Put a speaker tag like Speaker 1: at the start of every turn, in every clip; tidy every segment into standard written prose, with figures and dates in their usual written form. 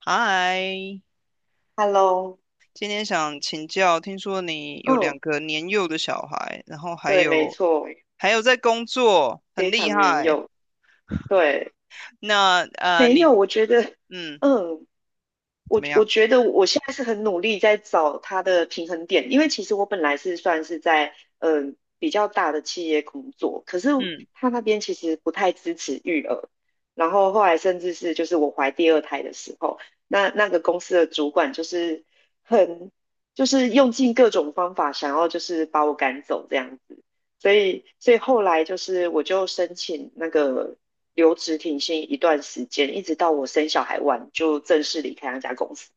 Speaker 1: 嗨，
Speaker 2: Hello，
Speaker 1: 今天想请教，听说你有两
Speaker 2: 嗯，
Speaker 1: 个年幼的小孩，然后还
Speaker 2: 对，没
Speaker 1: 有
Speaker 2: 错，
Speaker 1: 还有在工作，很
Speaker 2: 非
Speaker 1: 厉
Speaker 2: 常年
Speaker 1: 害。
Speaker 2: 幼，对，
Speaker 1: 那
Speaker 2: 没
Speaker 1: 你
Speaker 2: 有，
Speaker 1: 嗯
Speaker 2: 嗯，
Speaker 1: 怎
Speaker 2: 我
Speaker 1: 么
Speaker 2: 我
Speaker 1: 样？
Speaker 2: 觉得我现在是很努力在找它的平衡点，因为其实我本来是算是在比较大的企业工作，可是
Speaker 1: 嗯。
Speaker 2: 他那边其实不太支持育儿，然后后来甚至是就是我怀第二胎的时候，那个公司的主管就是很就是用尽各种方法想要就是把我赶走这样子，所以后来就是我就申请那个留职停薪一段时间，一直到我生小孩完就正式离开那家公司。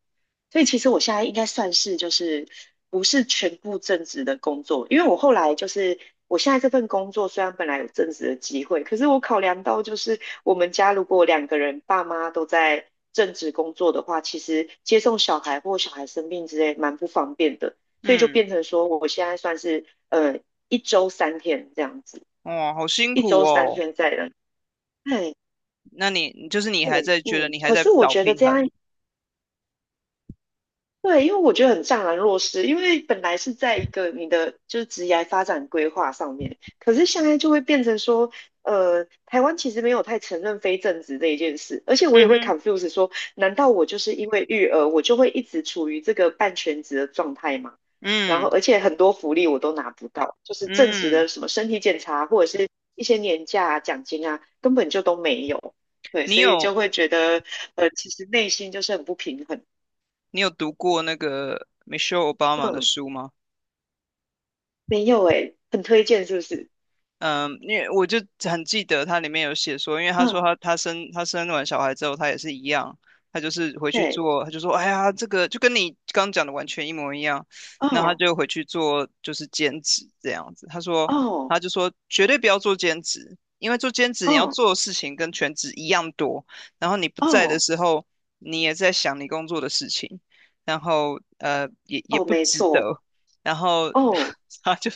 Speaker 2: 所以其实我现在应该算是就是不是全部正职的工作，因为我后来就是我现在这份工作虽然本来有正职的机会，可是我考量到就是我们家如果2个人爸妈都在正职工作的话，其实接送小孩或小孩生病之类蛮不方便的，所以就
Speaker 1: 嗯，
Speaker 2: 变成说我现在算是一周三天这样子，
Speaker 1: 哇，好辛
Speaker 2: 一
Speaker 1: 苦
Speaker 2: 周三
Speaker 1: 哦。
Speaker 2: 天在人。对，
Speaker 1: 那你就是你还
Speaker 2: 对，
Speaker 1: 在觉得
Speaker 2: 嗯，
Speaker 1: 你还
Speaker 2: 可
Speaker 1: 在
Speaker 2: 是我
Speaker 1: 找
Speaker 2: 觉得
Speaker 1: 平
Speaker 2: 这
Speaker 1: 衡？
Speaker 2: 样对，因为我觉得很怅然若失，因为本来是在一个你的就是职业发展规划上面，可是现在就会变成说，台湾其实没有太承认非正职这一件事，而且我
Speaker 1: 嗯
Speaker 2: 也会
Speaker 1: 哼。
Speaker 2: confuse 说，难道我就是因为育儿，我就会一直处于这个半全职的状态吗？然后，
Speaker 1: 嗯
Speaker 2: 而且很多福利我都拿不到，就是正职
Speaker 1: 嗯。
Speaker 2: 的什么身体检查或者是一些年假啊、奖金啊，根本就都没有。对，
Speaker 1: 你
Speaker 2: 所以就
Speaker 1: 有
Speaker 2: 会觉得，其实内心就是很不平衡。
Speaker 1: 你有读过那个 Michelle Obama 的
Speaker 2: 嗯
Speaker 1: 书吗？
Speaker 2: 没有诶，很推荐是不是？
Speaker 1: 嗯，因为我就很记得他里面有写说，因为他
Speaker 2: 嗯，
Speaker 1: 说他生完小孩之后，他也是一样，他就是回去
Speaker 2: 对，
Speaker 1: 做，他就说，哎呀，这个就跟你刚讲的完全一模一样，那他
Speaker 2: 哦
Speaker 1: 就回去做就是兼职这样子。他说，
Speaker 2: 哦
Speaker 1: 他就说绝对不要做兼职，因为做兼职你要
Speaker 2: 哦
Speaker 1: 做的事情跟全职一样多，然后你不在的
Speaker 2: 哦
Speaker 1: 时候，你也在想你工作的事情，然后也
Speaker 2: 哦，
Speaker 1: 不
Speaker 2: 没
Speaker 1: 值
Speaker 2: 错，
Speaker 1: 得，然后
Speaker 2: 哦，
Speaker 1: 他就。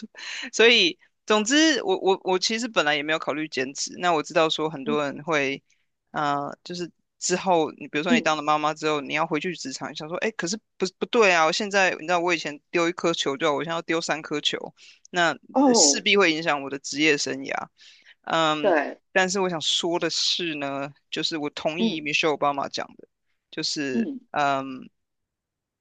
Speaker 1: 所以总之，我其实本来也没有考虑兼职。那我知道说很
Speaker 2: 嗯
Speaker 1: 多人会，啊，就是之后你比如说你
Speaker 2: 嗯，
Speaker 1: 当了妈妈之后，你要回去职场，你想说，哎，可是不对啊！我现在你知道我以前丢1颗球就好，我现在要丢3颗球，那
Speaker 2: 哦，
Speaker 1: 势必会影响我的职业生涯。嗯，
Speaker 2: 对，
Speaker 1: 但是我想说的是呢，就是我同意
Speaker 2: 嗯
Speaker 1: Michelle Obama 讲的，就是。
Speaker 2: 嗯
Speaker 1: 嗯。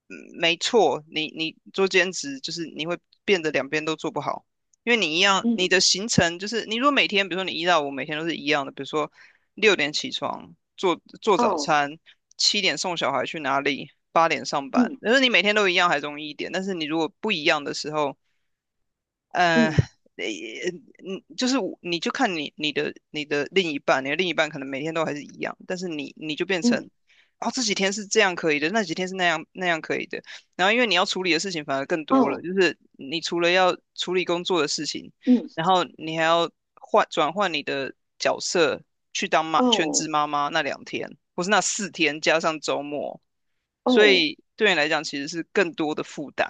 Speaker 1: 嗯，没错，你做兼职就是你会变得两边都做不好，因为你一样，你的
Speaker 2: 嗯，
Speaker 1: 行程就是你如果每天，比如说你1到5每天都是一样的，比如说6点起床做做早
Speaker 2: 哦，
Speaker 1: 餐，7点送小孩去哪里，8点上班，
Speaker 2: 嗯
Speaker 1: 但是你每天都一样还容易一点，但是你如果不一样的时候，呃，呃
Speaker 2: 嗯
Speaker 1: 嗯，就是你就看你你的另一半，你的另一半可能每天都还是一样，但是你就变
Speaker 2: 嗯，
Speaker 1: 成，哦，这几天是这样可以的，那几天是那样可以的，然后因为你要处理的事情反而更多了，
Speaker 2: 哦，
Speaker 1: 就是你除了要处理工作的事情，
Speaker 2: 嗯
Speaker 1: 然后你还要转换你的角色去当全
Speaker 2: 哦
Speaker 1: 职妈妈那2天，或是那4天加上周末，所
Speaker 2: 哦。
Speaker 1: 以对你来讲其实是更多的负担。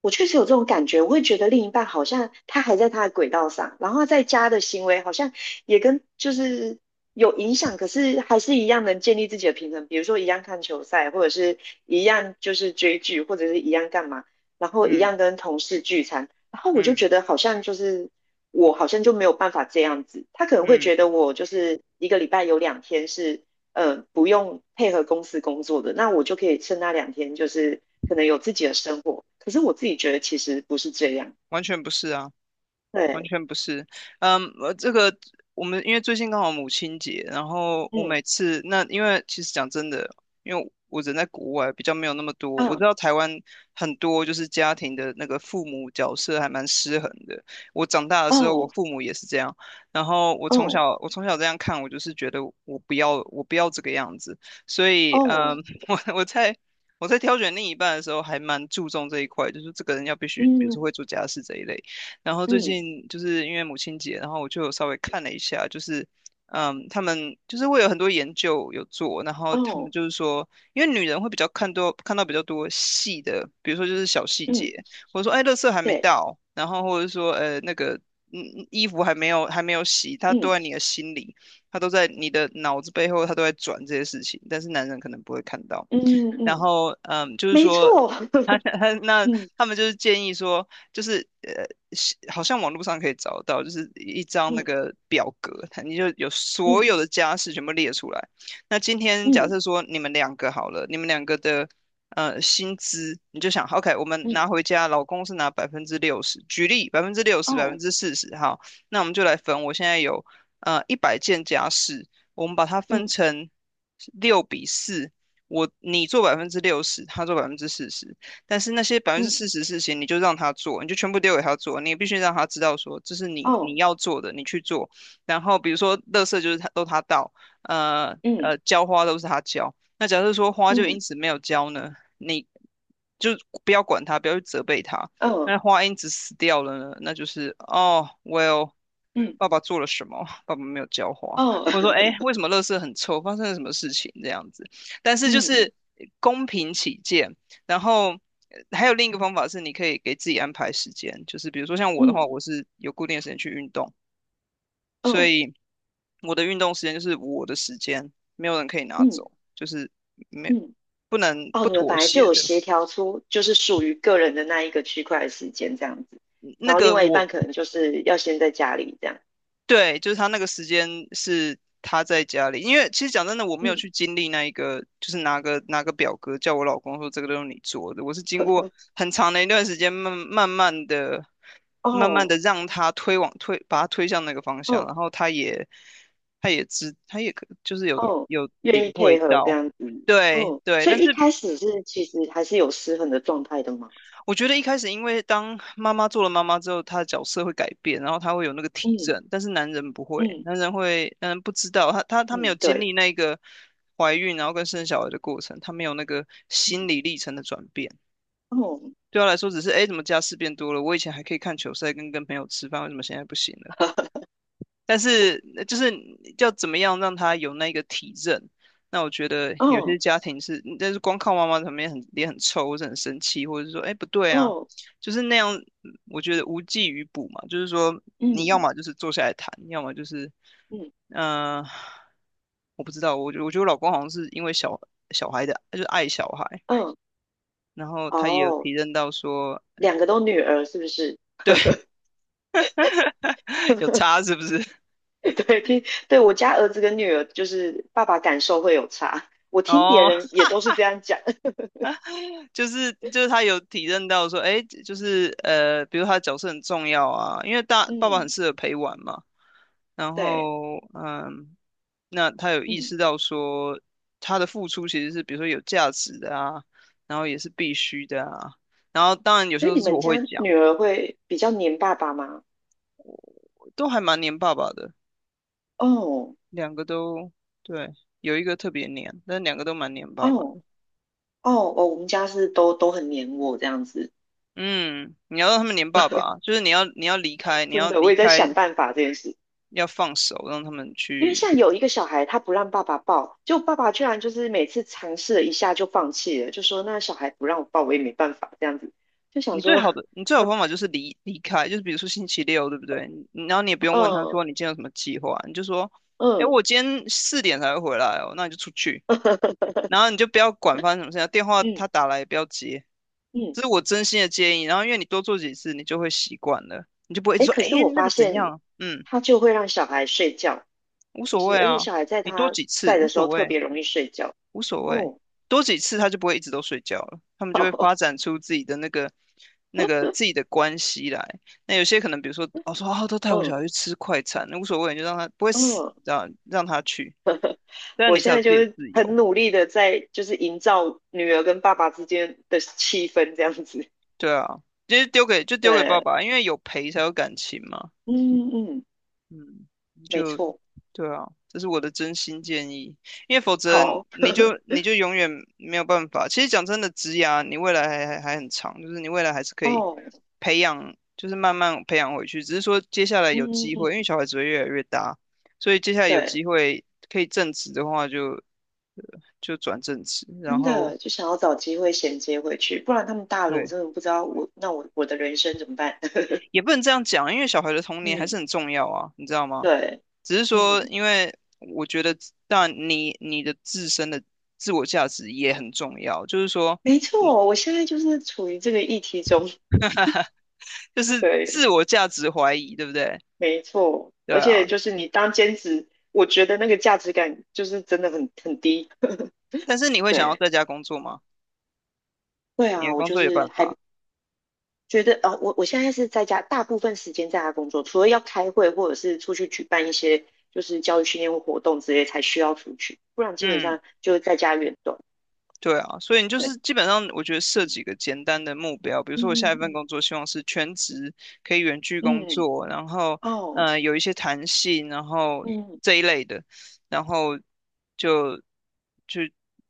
Speaker 2: 我确实有这种感觉，我会觉得另一半好像他还在他的轨道上，然后他在家的行为好像也跟就是有影响，可是还是一样能建立自己的平衡，比如说一样看球赛，或者是一样就是追剧，或者是一样干嘛，然后一
Speaker 1: 嗯
Speaker 2: 样跟同事聚餐，然后我就
Speaker 1: 嗯
Speaker 2: 觉得好像就是我好像就没有办法这样子，他可能会
Speaker 1: 嗯。
Speaker 2: 觉得我就是一个礼拜有两天是不用配合公司工作的，那我就可以趁那两天，就是可能有自己的生活。可是我自己觉得其实不是这样，
Speaker 1: 完全不是啊。完
Speaker 2: 对，
Speaker 1: 全不是，嗯，我这个我们因为最近刚好母亲节，然后我
Speaker 2: 嗯，
Speaker 1: 每次那因为其实讲真的，因为我人在国外，比较没有那么多，我
Speaker 2: 嗯。
Speaker 1: 知道台湾很多就是家庭的那个父母角色还蛮失衡的。我长大的时候，我
Speaker 2: 哦，
Speaker 1: 父母也是这样，然后
Speaker 2: 哦，
Speaker 1: 我从小这样看，我就是觉得我不要这个样子，所以嗯，
Speaker 2: 哦，
Speaker 1: 我我在我在挑选另一半的时候，还蛮注重这一块，就是这个人要必须，比如说
Speaker 2: 嗯，
Speaker 1: 会做家事这一类。然后最
Speaker 2: 嗯，
Speaker 1: 近就是因为母亲节，然后我就有稍微看了一下，就是嗯，他们就是会有很多研究有做，然后他们
Speaker 2: 哦，
Speaker 1: 就是说，因为女人会比较看到比较多细的，比如说就是小细
Speaker 2: 嗯，
Speaker 1: 节，或者说哎，垃圾还没
Speaker 2: 对，
Speaker 1: 到，然后或者说那个嗯衣服还没有洗，它都
Speaker 2: 嗯，
Speaker 1: 在你的心里，它都在你的脑子背后，它都在转这些事情，但是男人可能不会看到。
Speaker 2: 嗯，
Speaker 1: 然
Speaker 2: 嗯，
Speaker 1: 后嗯，就是
Speaker 2: 没
Speaker 1: 说
Speaker 2: 错，
Speaker 1: 他 他那
Speaker 2: 嗯，
Speaker 1: 他们就是建议说。就是，是好像网络上可以找到，就是一张那
Speaker 2: 嗯，
Speaker 1: 个表格，它你就有所
Speaker 2: 嗯，
Speaker 1: 有的家事全部列出来。那今天假
Speaker 2: 嗯，
Speaker 1: 设说你们两个好了，你们两个的薪资，你就想，OK,我们
Speaker 2: 嗯，
Speaker 1: 拿回家，老公是拿百分之六十，举例百分之六十、百分
Speaker 2: 哦，
Speaker 1: 之四十，好，那我们就来分。我现在有100件家事，我们把它分
Speaker 2: 嗯，
Speaker 1: 成6:4，你做百分之六十，他做百分之四十。但是那些百分之
Speaker 2: 嗯，
Speaker 1: 四十事情，你就让他做，你就全部丢给他做，你也必须让他知道说这是你
Speaker 2: 哦，
Speaker 1: 要做的，你去做。然后比如说，垃圾就是他倒，
Speaker 2: 嗯，
Speaker 1: 浇花都是他浇。那假设说花就因
Speaker 2: 嗯，
Speaker 1: 此没有浇呢，你就不要管他，不要去责备他。
Speaker 2: 哦，
Speaker 1: 那花因此死掉了呢，那就是哦，well,
Speaker 2: 嗯，
Speaker 1: 爸爸做了什么？爸爸没有浇花。
Speaker 2: 哦，
Speaker 1: 者说，哎，为什么垃圾很臭？发生了什么事情？这样子。但是就
Speaker 2: 嗯，
Speaker 1: 是公平起见，然后还有另一个方法是，你可以给自己安排时间，就是比如说像我的话，
Speaker 2: 嗯，
Speaker 1: 我是有固定的时间去运动，所
Speaker 2: 嗯
Speaker 1: 以我的运动时间就是我的时间，没有人可以拿
Speaker 2: 嗯，
Speaker 1: 走，就是没
Speaker 2: 嗯。
Speaker 1: 不能
Speaker 2: 哦，
Speaker 1: 不
Speaker 2: 你们
Speaker 1: 妥
Speaker 2: 本来就
Speaker 1: 协
Speaker 2: 有
Speaker 1: 的。
Speaker 2: 协调出就是属于个人的那一个区块的时间这样子，
Speaker 1: 那
Speaker 2: 然后另
Speaker 1: 个
Speaker 2: 外一
Speaker 1: 我
Speaker 2: 半可能就是要先在家里这样，
Speaker 1: 对，就是他那个时间是他在家里，因为其实讲真的，我没有
Speaker 2: 嗯，
Speaker 1: 去经历那一个，就是拿个表格叫我老公说这个都是你做的，我是经过 很长的一段时间，慢慢的
Speaker 2: 哦
Speaker 1: 让他推，把他推向那个方向，
Speaker 2: 哦
Speaker 1: 然后他也他也知，他也可就是有
Speaker 2: 哦，
Speaker 1: 有
Speaker 2: 愿
Speaker 1: 领
Speaker 2: 意配
Speaker 1: 会
Speaker 2: 合这
Speaker 1: 到，
Speaker 2: 样子，
Speaker 1: 对
Speaker 2: 嗯，
Speaker 1: 对，
Speaker 2: 所
Speaker 1: 但
Speaker 2: 以一
Speaker 1: 是
Speaker 2: 开始是其实还是有失衡的状态的嘛，
Speaker 1: 我觉得一开始，因为当妈妈做了妈妈之后，她的角色会改变，然后她会有那个体
Speaker 2: 嗯
Speaker 1: 认，但是男人不会，
Speaker 2: 嗯
Speaker 1: 男人会，男人不知道，他没有
Speaker 2: 嗯，
Speaker 1: 经
Speaker 2: 对，
Speaker 1: 历那个怀孕然后跟生小孩的过程，他没有那个
Speaker 2: 嗯
Speaker 1: 心理历程的转变。
Speaker 2: 哦
Speaker 1: 对他来说，只是哎诶，怎么家事变多了？我以前还可以看球赛，跟朋友吃饭，为什么现在不行了？但是就是要怎么样让他有那个体认？那我觉得有
Speaker 2: 哦
Speaker 1: 些家庭是，但是光靠妈妈他们也很臭，或者很生气，或者是说，哎，不对啊，
Speaker 2: 哦，
Speaker 1: 就是那样，我觉得无济于补嘛。就是说，你要
Speaker 2: 嗯
Speaker 1: 么就是坐下来谈，要么就是，
Speaker 2: 嗯
Speaker 1: 嗯、呃我不知道，我觉得我老公好像是因为小孩的，就是爱小孩，
Speaker 2: 哦
Speaker 1: 然后他也有
Speaker 2: 哦，
Speaker 1: 体认到说，呃，
Speaker 2: 两个都女儿是不是？
Speaker 1: 对。有 差是不是？
Speaker 2: 对，听，对，我家儿子跟女儿，就是爸爸感受会有差。我听别
Speaker 1: 哦，
Speaker 2: 人也都是这样讲。
Speaker 1: 就是他有体认到说，哎，就是比如他的角色很重要啊，因为大爸爸很
Speaker 2: 嗯，
Speaker 1: 适合陪玩嘛。然
Speaker 2: 对，
Speaker 1: 后嗯，那他有意
Speaker 2: 嗯，
Speaker 1: 识到说，他的付出其实是比如说有价值的啊，然后也是必须的啊。然后当然有时
Speaker 2: 所以
Speaker 1: 候
Speaker 2: 你
Speaker 1: 是我
Speaker 2: 们
Speaker 1: 会
Speaker 2: 家
Speaker 1: 讲，
Speaker 2: 女儿会比较黏爸爸吗？
Speaker 1: 我都还蛮黏爸爸的，
Speaker 2: 哦，
Speaker 1: 两个都对，有一个特别黏，但两个都蛮黏
Speaker 2: 哦，
Speaker 1: 爸爸
Speaker 2: 哦，
Speaker 1: 的。
Speaker 2: 哦，我们家是都很黏我这样子，
Speaker 1: 嗯，你要让他们黏爸爸啊，就是你要离开，你
Speaker 2: 真
Speaker 1: 要
Speaker 2: 的，我
Speaker 1: 离
Speaker 2: 也在
Speaker 1: 开，
Speaker 2: 想办法这件事。
Speaker 1: 要放手，让他们
Speaker 2: 因为
Speaker 1: 去。
Speaker 2: 像有一个小孩，他不让爸爸抱，就爸爸居然就是每次尝试了一下就放弃了，就说那小孩不让我抱，我也没办法这样子，就想说，
Speaker 1: 你最好的方法就是离开，就是比如说星期六，对不对？你然后你也不 用问他
Speaker 2: 嗯
Speaker 1: 说你今天有什么计划，你就说，哎，
Speaker 2: 嗯
Speaker 1: 我今天4点才会回来哦，那你就出去，然后你就不要管发生什么事情，电话
Speaker 2: 嗯，
Speaker 1: 他打来也不要接，
Speaker 2: 嗯，
Speaker 1: 这是我真心的建议。然后因为你多做几次，你就会习惯了，你就不会一直
Speaker 2: 哎，
Speaker 1: 说，
Speaker 2: 可
Speaker 1: 哎，
Speaker 2: 是我
Speaker 1: 那
Speaker 2: 发
Speaker 1: 个怎
Speaker 2: 现
Speaker 1: 样？嗯，
Speaker 2: 他就会让小孩睡觉，
Speaker 1: 无
Speaker 2: 就
Speaker 1: 所谓
Speaker 2: 是而且
Speaker 1: 啊，
Speaker 2: 小孩在
Speaker 1: 你多
Speaker 2: 他
Speaker 1: 几次
Speaker 2: 在
Speaker 1: 无
Speaker 2: 的时
Speaker 1: 所
Speaker 2: 候特
Speaker 1: 谓。
Speaker 2: 别容易睡觉。
Speaker 1: 无所谓，
Speaker 2: 哦，
Speaker 1: 多几次他就不会一直都睡觉了，他们就会
Speaker 2: 好，
Speaker 1: 发展出自己的那个自己的关系来。那有些可能，比如说，哦说 啊，都带我小
Speaker 2: 嗯
Speaker 1: 孩去吃快餐，那无所谓，你就让他不会死，
Speaker 2: 嗯，
Speaker 1: 让他去，这样
Speaker 2: 我
Speaker 1: 你才
Speaker 2: 现
Speaker 1: 有
Speaker 2: 在
Speaker 1: 自
Speaker 2: 就
Speaker 1: 己的
Speaker 2: 是
Speaker 1: 自由。
Speaker 2: 很努力的在就是营造女儿跟爸爸之间的气氛这样子。
Speaker 1: 对啊，就是就丢给爸
Speaker 2: 对，
Speaker 1: 爸，因为有陪才有感情嘛。
Speaker 2: 嗯嗯，
Speaker 1: 嗯，
Speaker 2: 没
Speaker 1: 就
Speaker 2: 错，
Speaker 1: 对啊，这是我的真心建议，因为否则
Speaker 2: 好
Speaker 1: 你就永远没有办法。其实讲真的，职涯你未来还很长，就是你未来还是可以
Speaker 2: 哦，
Speaker 1: 培养，就是慢慢培养回去。只是说接下来有
Speaker 2: 嗯嗯
Speaker 1: 机会，因为
Speaker 2: 嗯，
Speaker 1: 小孩子会越来越大，所以接下来有
Speaker 2: 对，
Speaker 1: 机会可以正职的话就，就转正职，然
Speaker 2: 真
Speaker 1: 后
Speaker 2: 的就想要找机会衔接回去，不然他们大了，我
Speaker 1: 对，
Speaker 2: 真的不知道我那我我的人生怎么办。
Speaker 1: 也不能这样讲，因为小孩的童年还是
Speaker 2: 嗯，
Speaker 1: 很重要啊，你知道吗？
Speaker 2: 对，
Speaker 1: 只是说，
Speaker 2: 嗯。
Speaker 1: 因为我觉得，但你你的自身的自我价值也很重要，就是说，
Speaker 2: 没错，我现在就是处于这个议题中，
Speaker 1: 就是
Speaker 2: 对，
Speaker 1: 自我价值怀疑，对不对？
Speaker 2: 没错，
Speaker 1: 对
Speaker 2: 而
Speaker 1: 啊，
Speaker 2: 且就是你当兼职，我觉得那个价值感就是真的很低，
Speaker 1: 但是你会想要
Speaker 2: 对，
Speaker 1: 在家工作吗？
Speaker 2: 对
Speaker 1: 你
Speaker 2: 啊，
Speaker 1: 的
Speaker 2: 我
Speaker 1: 工
Speaker 2: 就
Speaker 1: 作有
Speaker 2: 是
Speaker 1: 办
Speaker 2: 还
Speaker 1: 法，
Speaker 2: 觉得，我现在是在家，大部分时间在家工作，除了要开会或者是出去举办一些就是教育训练活动之类才需要出去，不然基本
Speaker 1: 嗯，
Speaker 2: 上就是在家远动。
Speaker 1: 对啊，所以你就是
Speaker 2: 对，
Speaker 1: 基本上，我觉得设
Speaker 2: 嗯
Speaker 1: 几个简单的目标，比如说我下
Speaker 2: 嗯
Speaker 1: 一份
Speaker 2: 嗯
Speaker 1: 工作希望是全职，可以远距
Speaker 2: 嗯
Speaker 1: 工
Speaker 2: 嗯，
Speaker 1: 作，然后
Speaker 2: 哦，
Speaker 1: 有一些弹性，然后
Speaker 2: 嗯
Speaker 1: 这一类的，然后就就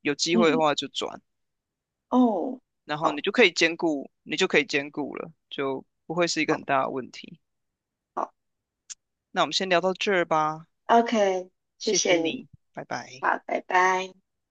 Speaker 1: 有机会的
Speaker 2: 嗯
Speaker 1: 话就转。
Speaker 2: 哦，
Speaker 1: 然后你
Speaker 2: 好，
Speaker 1: 就可以兼顾，你就可以兼顾了，就不会是一个很
Speaker 2: 好。
Speaker 1: 大的问题。
Speaker 2: 好
Speaker 1: 那我们先聊到这儿吧，
Speaker 2: OK，谢
Speaker 1: 谢谢
Speaker 2: 谢你，
Speaker 1: 你，拜拜。
Speaker 2: 好，拜拜。